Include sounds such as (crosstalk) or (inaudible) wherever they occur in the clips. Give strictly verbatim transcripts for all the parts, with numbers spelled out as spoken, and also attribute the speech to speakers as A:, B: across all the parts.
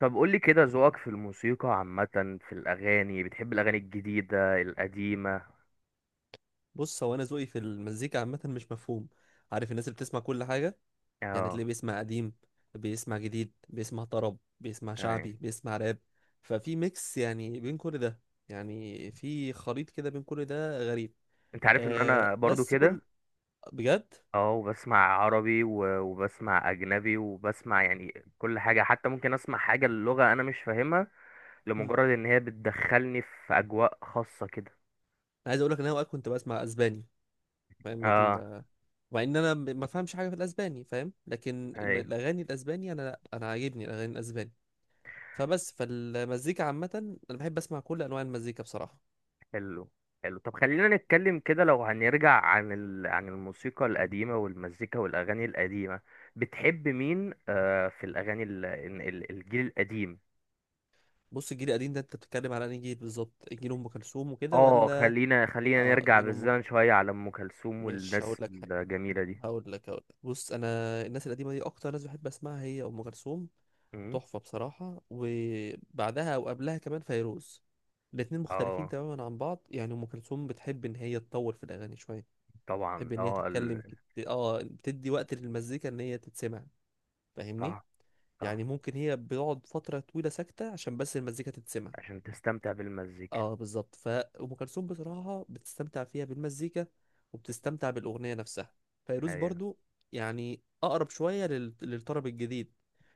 A: طب، قولي كده، ذوقك في الموسيقى عامة، في الأغاني بتحب الأغاني الجديدة القديمة؟
B: بص، هو انا ذوقي في المزيكا عامه مش مفهوم. عارف الناس اللي بتسمع كل حاجه، يعني
A: اه.
B: تلاقيه بيسمع قديم، بيسمع جديد، بيسمع طرب، بيسمع شعبي،
A: يعني،
B: بيسمع راب. ففي ميكس يعني بين كل ده، يعني في خليط كده بين كل ده غريب.
A: انت عارف ان انا
B: آه،
A: برضو
B: بس
A: كده.
B: كل بجد.
A: اه، وبسمع عربي و- وبسمع أجنبي وبسمع، يعني، كل حاجة، حتى ممكن أسمع حاجة اللغة أنا مش فاهمها،
B: مم.
A: لمجرد ان هي بتدخلني في أجواء خاصة كده.
B: انا عايز اقول لك ان انا اوقات كنت بسمع اسباني، فاهم
A: اه،
B: ال... مع ان انا ب- ما فهمش حاجه في الاسباني، فاهم، لكن
A: ايوه،
B: الاغاني الاسباني انا لا، انا عاجبني الاغاني الاسباني. فبس، فالمزيكا عامه انا بحب اسمع كل انواع المزيكا بصراحه.
A: حلو، حلو. طب، خلينا نتكلم كده. لو هنرجع عن ال... عن الموسيقى القديمة والمزيكا والأغاني القديمة، بتحب مين آه في الأغاني ال... ال- ال- الجيل القديم؟
B: بص، الجيل القديم ده انت بتتكلم على انهي جيل بالظبط؟ جيل ام كلثوم وكده
A: اه،
B: ولا؟
A: خلينا خلينا
B: اه،
A: نرجع
B: جيل ام كلثوم.
A: بالزمن شوية على أم كلثوم
B: مش هقول
A: والناس
B: لك حاجه،
A: الجميلة دي.
B: هقول لك هقول لك بص انا. الناس القديمه دي اكتر ناس بحب اسمعها هي ام كلثوم.
A: مم.
B: تحفه بصراحه، وبعدها وقبلها كمان فيروز. الاتنين مختلفين
A: اه،
B: تماما عن بعض. يعني ام كلثوم بتحب ان هي تطول في الاغاني شويه،
A: طبعا.
B: بتحب ان هي
A: اه ال...
B: تتكلم كت... اه بتدي وقت للمزيكا ان هي تتسمع. فاهمني؟
A: صح،
B: يعني
A: صح.
B: ممكن هي بتقعد فتره طويله ساكته عشان بس المزيكا تتسمع.
A: عشان تستمتع بالمزيكا.
B: اه، بالظبط. فأم كلثوم بصراحة بتستمتع فيها بالمزيكا، وبتستمتع بالأغنية نفسها. فيروز
A: ايوه.
B: برضو، يعني أقرب شوية لل... للطرب الجديد،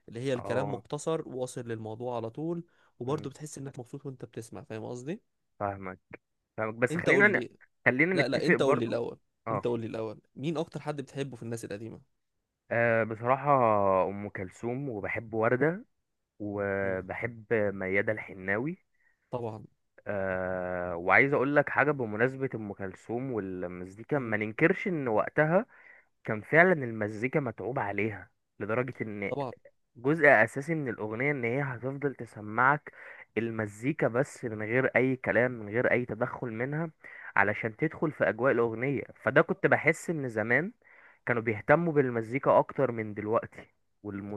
B: اللي هي الكلام
A: اه.
B: مختصر واصل للموضوع على طول.
A: مم.
B: وبرضو بتحس إنك مبسوط وأنت بتسمع. فاهم قصدي؟
A: فاهمك، فاهمك. بس
B: أنت قول
A: خلينا ن...
B: لي.
A: خلينا
B: لا، لا،
A: نتفق
B: أنت قول لي
A: برضو.
B: الأول.
A: آه.
B: أنت قول لي الأول، مين أكتر حد بتحبه في الناس القديمة؟
A: أه، بصراحة، أم كلثوم، وبحب وردة،
B: مم.
A: وبحب ميادة الحناوي.
B: طبعا.
A: أه، وعايز أقول لك حاجة. بمناسبة أم كلثوم والمزيكا،
B: مم.
A: ما ننكرش إن وقتها كان فعلا المزيكا متعوب عليها، لدرجة إن
B: طبعا،
A: جزء اساسي من الاغنيه ان هي هتفضل تسمعك المزيكا بس، من غير اي كلام، من غير اي تدخل منها، علشان تدخل في اجواء الاغنيه. فده كنت بحس ان زمان كانوا بيهتموا بالمزيكا اكتر من دلوقتي،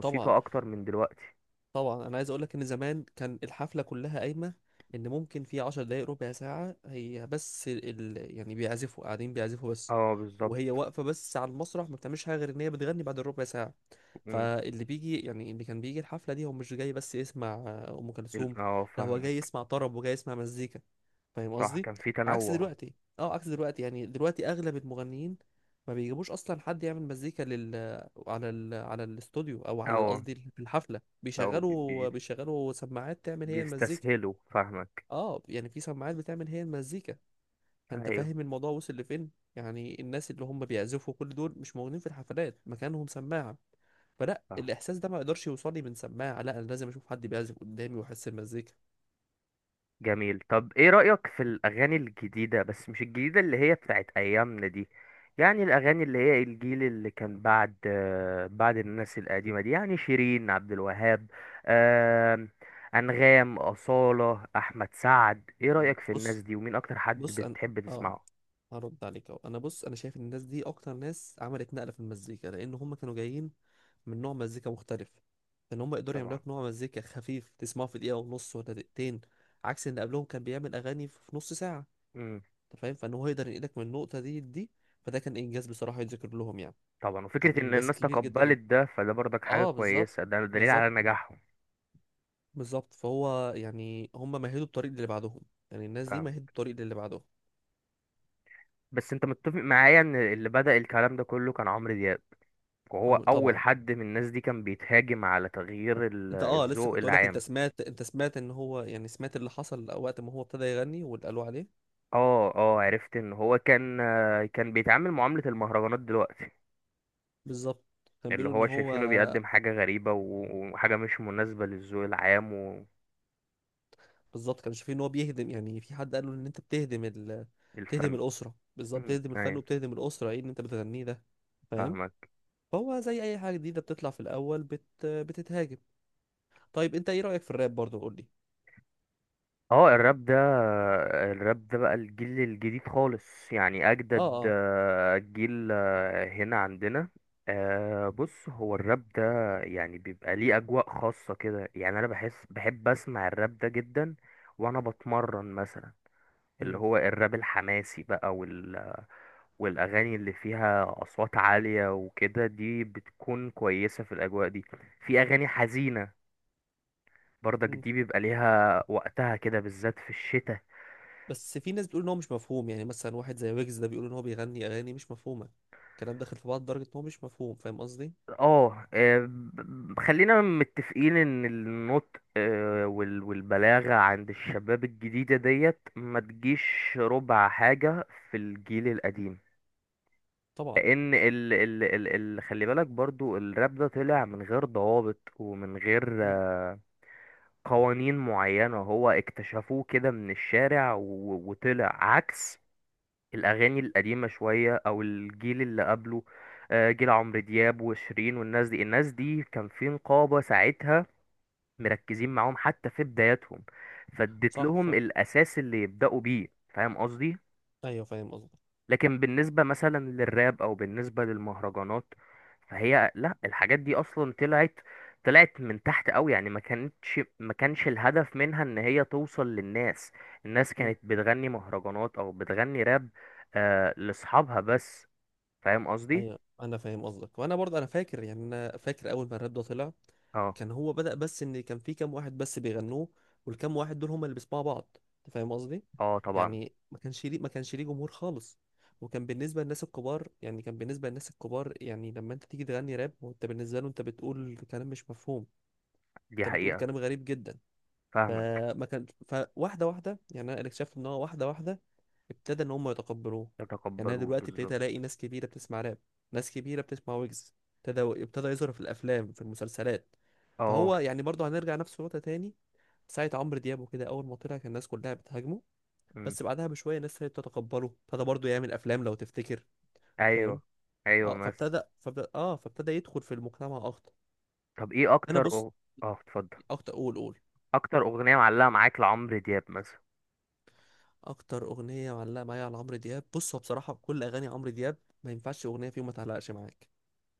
B: طبعا،
A: اكتر من دلوقتي.
B: طبعا. انا عايز اقول لك ان زمان كان الحفله كلها قايمه، ان ممكن في عشر دقايق، ربع ساعه، هي بس ال... يعني بيعزفوا، قاعدين بيعزفوا بس،
A: اه، بالظبط.
B: وهي واقفه بس على المسرح ما بتعملش حاجه غير ان هي بتغني بعد الربع ساعه.
A: مم.
B: فاللي بيجي، يعني اللي كان بيجي الحفله دي، هو مش جاي بس يسمع آه، ام
A: ال-
B: كلثوم.
A: اه
B: لا، هو جاي
A: فاهمك.
B: يسمع طرب وجاي يسمع مزيكا. فاهم
A: صح،
B: قصدي؟
A: كان في
B: عكس
A: تنوع.
B: دلوقتي، اه عكس دلوقتي يعني دلوقتي اغلب المغنيين ما بيجيبوش اصلا حد يعمل مزيكا لل على ال... على الاستوديو، او على
A: اه،
B: قصدي في الحفله،
A: او بي-
B: بيشغلوا
A: بي-
B: بيشغلوا سماعات تعمل هي المزيكا.
A: بيستسهلوا، فاهمك.
B: اه، يعني في سماعات بتعمل هي المزيكا. فانت
A: ايوه،
B: فاهم الموضوع وصل لفين. يعني الناس اللي هم بيعزفوا كل دول مش موجودين في الحفلات، مكانهم سماعه. فلا،
A: فاهمك.
B: الاحساس ده ما يقدرش يوصل لي من سماعه. لا، انا لازم اشوف حد بيعزف قدامي واحس المزيكا.
A: جميل. طب، ايه رأيك في الأغاني الجديدة، بس مش الجديدة اللي هي بتاعت أيامنا دي. يعني الأغاني اللي هي الجيل اللي كان بعد آه، بعد الناس القديمة دي، يعني شيرين عبد الوهاب، آم، أنغام، أصالة، أحمد سعد. ايه
B: مم.
A: رأيك في الناس
B: بص
A: دي، ومين أكتر حد
B: بص انا،
A: بتحب
B: اه،
A: تسمعه؟
B: هرد عليك اهو. انا بص، انا شايف ان الناس دي اكتر ناس عملت نقله في المزيكا، لان هم كانوا جايين من نوع مزيكا مختلف. ان هم يقدروا يعملوا
A: طبعا.
B: لك نوع مزيكا خفيف تسمعه في دقيقه ونص ولا دقيقتين، عكس ان قبلهم كان بيعمل اغاني في نص ساعه.
A: امم.
B: انت فاهم، فان هو يقدر ينقلك من النقطه دي دي فده كان انجاز بصراحه يتذكر لهم يعني،
A: طبعا،
B: كان
A: وفكرة إن
B: انجاز
A: الناس
B: كبير جدا
A: تقبلت
B: يعني.
A: ده، فده برضك حاجة
B: اه، بالظبط.
A: كويسة، ده دليل
B: بالظبط.
A: على نجاحهم.
B: بالظبط، فهو يعني هم مهدوا الطريق للي بعدهم. يعني الناس دي
A: فاهم.
B: مهدوا الطريق للي بعدهم.
A: بس أنت متفق معايا إن اللي بدأ الكلام ده كله كان عمرو دياب، وهو
B: عم-
A: اول
B: طبعا.
A: حد من الناس دي كان بيتهاجم على تغيير ال-
B: انت، اه، لسه
A: الذوق
B: كنت اقول لك، انت
A: العام.
B: سمعت انت سمعت ان هو، يعني سمعت اللي حصل وقت ما هو ابتدى يغني واللي قالوا عليه.
A: اه، اه، عرفت ان هو كان آه، كان بيتعامل معاملة المهرجانات دلوقتي.
B: بالظبط، كان
A: اللي
B: بيقولوا ان
A: هو
B: هو
A: شايفينه بيقدم حاجة غريبة و- وحاجة مش مناسبة للذوق العام.
B: بالظبط كانوا شايفين ان هو بيهدم، يعني في حد قال له ان انت بتهدم ال... بتهدم
A: والفن.
B: الاسره بالظبط،
A: امم.
B: بتهدم الفن
A: ايوه.
B: وبتهدم الاسره، ايه اللي انت بتغنيه ده؟ فاهم؟
A: فاهمك.
B: فهو زي اي حاجه جديده بتطلع في الاول بت... بتتهاجم. طيب، انت ايه رايك في الراب برضه؟ قول لي.
A: اه، الراب ده الراب ده بقى الجيل الجديد خالص. يعني
B: اه،
A: اجدد
B: اه.
A: آه، جيل آه، هنا عندنا. آه، بص هو الراب ده، يعني بيبقى ليه اجواء خاصة كده. يعني انا بحس بحب اسمع الراب ده جدا، وانا بتمرن مثلا. اللي
B: امم،
A: هو الراب الحماسي بقى، وال... والاغاني اللي فيها اصوات عالية وكده، دي بتكون كويسة في الاجواء دي. في اغاني حزينة برضك،
B: امم.
A: دي بيبقى ليها وقتها، كده بالذات في الشتاء.
B: بس في ناس بتقول ان هو مش مفهوم، يعني مثلا واحد زي ويجز ده بيقول ان هو بيغني اغاني مش مفهومه، الكلام داخل في بعض لدرجه ان هو مش مفهوم. فاهم قصدي؟
A: اه. آه، ب- خلينا متفقين ان النطق آه، وال- والبلاغة عند الشباب الجديدة ديت ما تجيش ربع حاجة في الجيل القديم.
B: طبعا.
A: لان ال ال ال ال خلي بالك برضو، الراب ده طلع من غير ضوابط ومن غير
B: مم.
A: قوانين معينة. هو اكتشفوه كده من الشارع و- وطلع عكس الأغاني القديمة شوية، أو الجيل اللي قبله. آه، جيل عمرو دياب وشيرين والناس دي. الناس دي كان في نقابة ساعتها، مركزين معاهم حتى في بداياتهم، فاديت
B: صح،
A: لهم
B: صح.
A: الأساس اللي يبدأوا بيه. فاهم قصدي؟
B: ايوه، فاهم قصدك.
A: لكن بالنسبة مثلا للراب، أو بالنسبة للمهرجانات، فهي لا، الحاجات دي أصلا طلعت طلعت من تحت أوي. يعني ما كانتش ما كانش الهدف منها إن هي توصل للناس. الناس
B: مم.
A: كانت بتغني مهرجانات أو بتغني راب، آه لأصحابها بس. فاهم قصدي؟
B: ايوه، انا فاهم قصدك. وانا برضه، انا فاكر يعني، انا فاكر اول ما الراب ده طلع
A: اه،
B: كان هو بدأ، بس ان كان في كام واحد بس بيغنوه، والكام واحد دول هم اللي بيسمعوا بعض. انت فاهم قصدي؟
A: اه، طبعا.
B: يعني ما كانش ليه ما كانش ليه جمهور خالص. وكان بالنسبه للناس الكبار، يعني كان بالنسبه للناس الكبار يعني لما انت تيجي تغني راب، وانت بالنسبه له انت بتقول كلام مش مفهوم،
A: دي
B: انت بتقول
A: حقيقة.
B: كلام غريب جدا.
A: فاهمك.
B: فما كان فواحده واحده، يعني انا اكتشفت ان هو واحده واحده ابتدى ان هم يتقبلوه. يعني انا
A: يتقبلوا
B: دلوقتي ابتديت
A: بالظبط.
B: الاقي ناس كبيره بتسمع راب، ناس كبيره بتسمع ويجز، ابتدى ابتدى يظهر في الافلام، في المسلسلات.
A: اه.
B: فهو يعني برضه هنرجع نفس النقطه تاني، ساعة عمرو دياب وكده أول ما طلع كان الناس كلها بتهاجمه،
A: أمم.
B: بس بعدها بشوية الناس ابتدت تتقبله، ابتدى برضه يعمل أفلام لو تفتكر. فاهم؟
A: ايوه، ايوه،
B: اه،
A: بس.
B: فابتدى فابتدى اه فابتدى يدخل في المجتمع أكتر.
A: طب، ايه
B: أنا
A: اكتر
B: بص،
A: أغ... اه، اتفضل.
B: أكتر، قول، قول.
A: اكتر اغنية معلقة معاك لعمرو دياب مثلا؟
B: أكتر أغنية معلقة معايا على عمرو دياب؟ بص، هو بصراحة كل أغاني عمرو دياب ما ينفعش أغنية فيهم ما تعلقش معاك.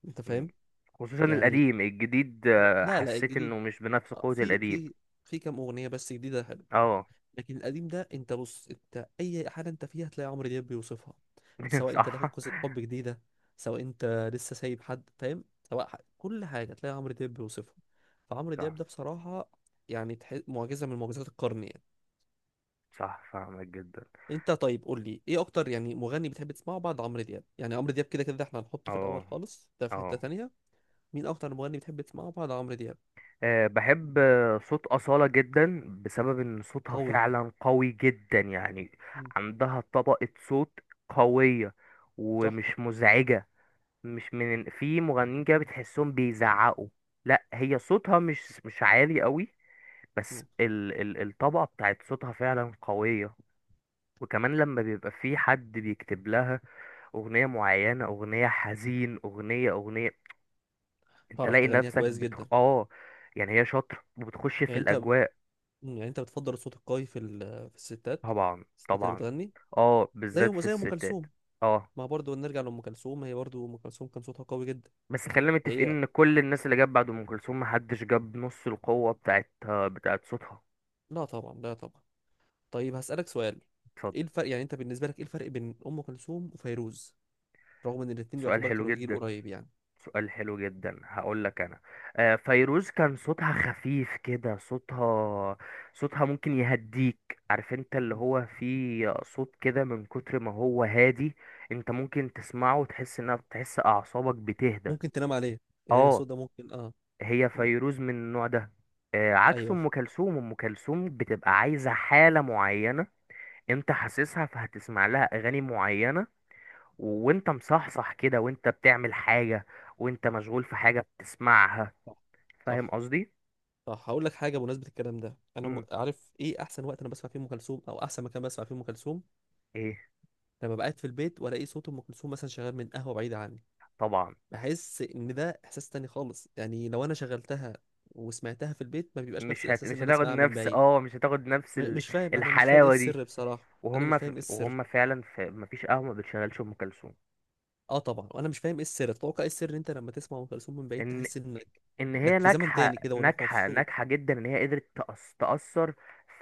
B: أنت
A: مم.
B: فاهم.
A: خصوصا
B: يعني،
A: القديم. الجديد آه،
B: لا، لا،
A: حسيت
B: الجديد
A: انه مش بنفس
B: آه،
A: قوة
B: في
A: القديم.
B: في في كام اغنيه بس جديده حلو.
A: اه.
B: لكن القديم ده، انت بص، انت اي حاجه انت فيها هتلاقي عمرو دياب بيوصفها،
A: (laughs)
B: سواء انت داخل
A: صح،
B: قصه حب جديده، سواء انت لسه سايب حد، فاهم، سواء ح... كل حاجه هتلاقي عمرو دياب بيوصفها. فعمرو دياب
A: صح،
B: ده بصراحه، يعني تح... معجزه من معجزات القرن يعني.
A: صح، فاهمك جدا.
B: انت طيب قول لي، ايه اكتر يعني مغني بتحب تسمعه بعد عمرو دياب؟ يعني عمرو دياب كده كده احنا هنحطه في الاول
A: اه،
B: خالص، ده في حته
A: اه.
B: تانية. مين اكتر مغني بتحب تسمعه بعد عمرو دياب؟
A: آه، بحب آه، صوت أصالة جدا، بسبب ان صوتها
B: قوي.
A: فعلا قوي جدا. يعني
B: مم.
A: عندها طبقة صوت قوية،
B: صح،
A: ومش مزعجة. مش، من في مغنيين كده بتحسهم بيزعقوا. لا، هي صوتها مش مش عالي قوي، بس ال... ال... الطبقة بتاعت صوتها فعلا قوية. وكمان لما بيبقى في حد بيكتب لها أغنية معينة، أغنية حزين، أغنية أغنية، أنت
B: تعرف
A: لاقي
B: تغنيها
A: نفسك.
B: كويس
A: بتخ...
B: جدا.
A: آه يعني هي شاطرة، وبتخش في
B: يعني انت
A: الأجواء.
B: يعني انت بتفضل الصوت القوي في ال... في الستات،
A: طبعا،
B: الستات اللي
A: طبعا.
B: بتغني،
A: آه، بالذات
B: زي
A: في
B: زي ام
A: الستات.
B: كلثوم.
A: آه.
B: ما برضو نرجع لام كلثوم، هي برضو ام كلثوم كان صوتها قوي جدا.
A: بس خلينا متفقين
B: هي،
A: إن كل الناس اللي جت بعد أم كلثوم، محدش جاب نص القوة بتاعت بتاعت صوتها.
B: لا طبعا، لا طبعا. طيب هسألك سؤال. ايه
A: اتفضل.
B: الفرق، يعني انت بالنسبة لك ايه الفرق بين ام كلثوم وفيروز، رغم ان الاتنين
A: سؤال
B: يعتبر
A: حلو
B: كانوا جيل
A: جدا.
B: قريب يعني؟
A: سؤال حلو جدا، هقول لك انا. آه، فيروز كان صوتها خفيف كده. صوتها صوتها ممكن يهديك. عارف، انت اللي
B: مم.
A: هو فيه صوت كده من كتر ما هو هادي، انت ممكن تسمعه وتحس انها، تحس اعصابك بتهدى.
B: ممكن تنام عليه، يعني
A: اه،
B: الصوت ده ممكن، اه.
A: هي
B: مم.
A: فيروز من النوع ده. آه، عكس
B: ايوه. ف-
A: ام كلثوم، ام كلثوم بتبقى عايزه حاله معينه، انت حاسسها. فهتسمع لها اغاني معينه، وانت مصحصح كده، وانت بتعمل حاجه، وانت مشغول في حاجه بتسمعها.
B: صح،
A: فاهم
B: صح،
A: قصدي؟
B: صح. هقول لك حاجه بمناسبه الكلام ده، انا م-
A: مم.
B: عارف ايه احسن وقت انا بسمع فيه ام كلثوم، او احسن مكان بسمع فيه ام كلثوم.
A: ايه؟
B: لما ببقى قاعد في البيت، والاقي صوت ام كلثوم مثلا شغال من قهوه بعيده عني،
A: طبعا.
B: بحس ان ده احساس تاني خالص. يعني لو انا شغلتها وسمعتها في البيت، ما بيبقاش نفس
A: مش هت...
B: الاحساس ان
A: مش
B: انا
A: هتاخد
B: اسمعها من
A: نفس،
B: بعيد.
A: اه مش هتاخد نفس
B: م-
A: ال...
B: مش فاهم، انا مش فاهم ايه
A: الحلاوه دي.
B: السر بصراحه. انا مش
A: وهم ف...
B: فاهم ايه السر.
A: وهم فعلا، في... مفيش قهوه ما بتشغلش ام كلثوم.
B: اه طبعا، وانا مش فاهم ايه السر. تتوقع ايه السر إن انت لما تسمع ام كلثوم من بعيد
A: ان
B: تحس انك،
A: ان
B: انك
A: هي
B: في زمن
A: ناجحه
B: تاني كده وانك
A: ناجحه ناجحه
B: مبسوط.
A: جدا، ان هي قدرت تأث... تأثر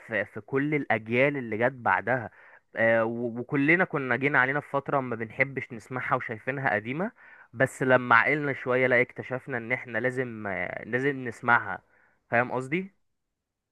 A: في... في كل الاجيال اللي جت بعدها. آه، و... وكلنا كنا جينا علينا في فتره ما بنحبش نسمعها، وشايفينها قديمه. بس لما عقلنا شويه، لا اكتشفنا ان احنا لازم آه، لازم نسمعها. فاهم قصدي؟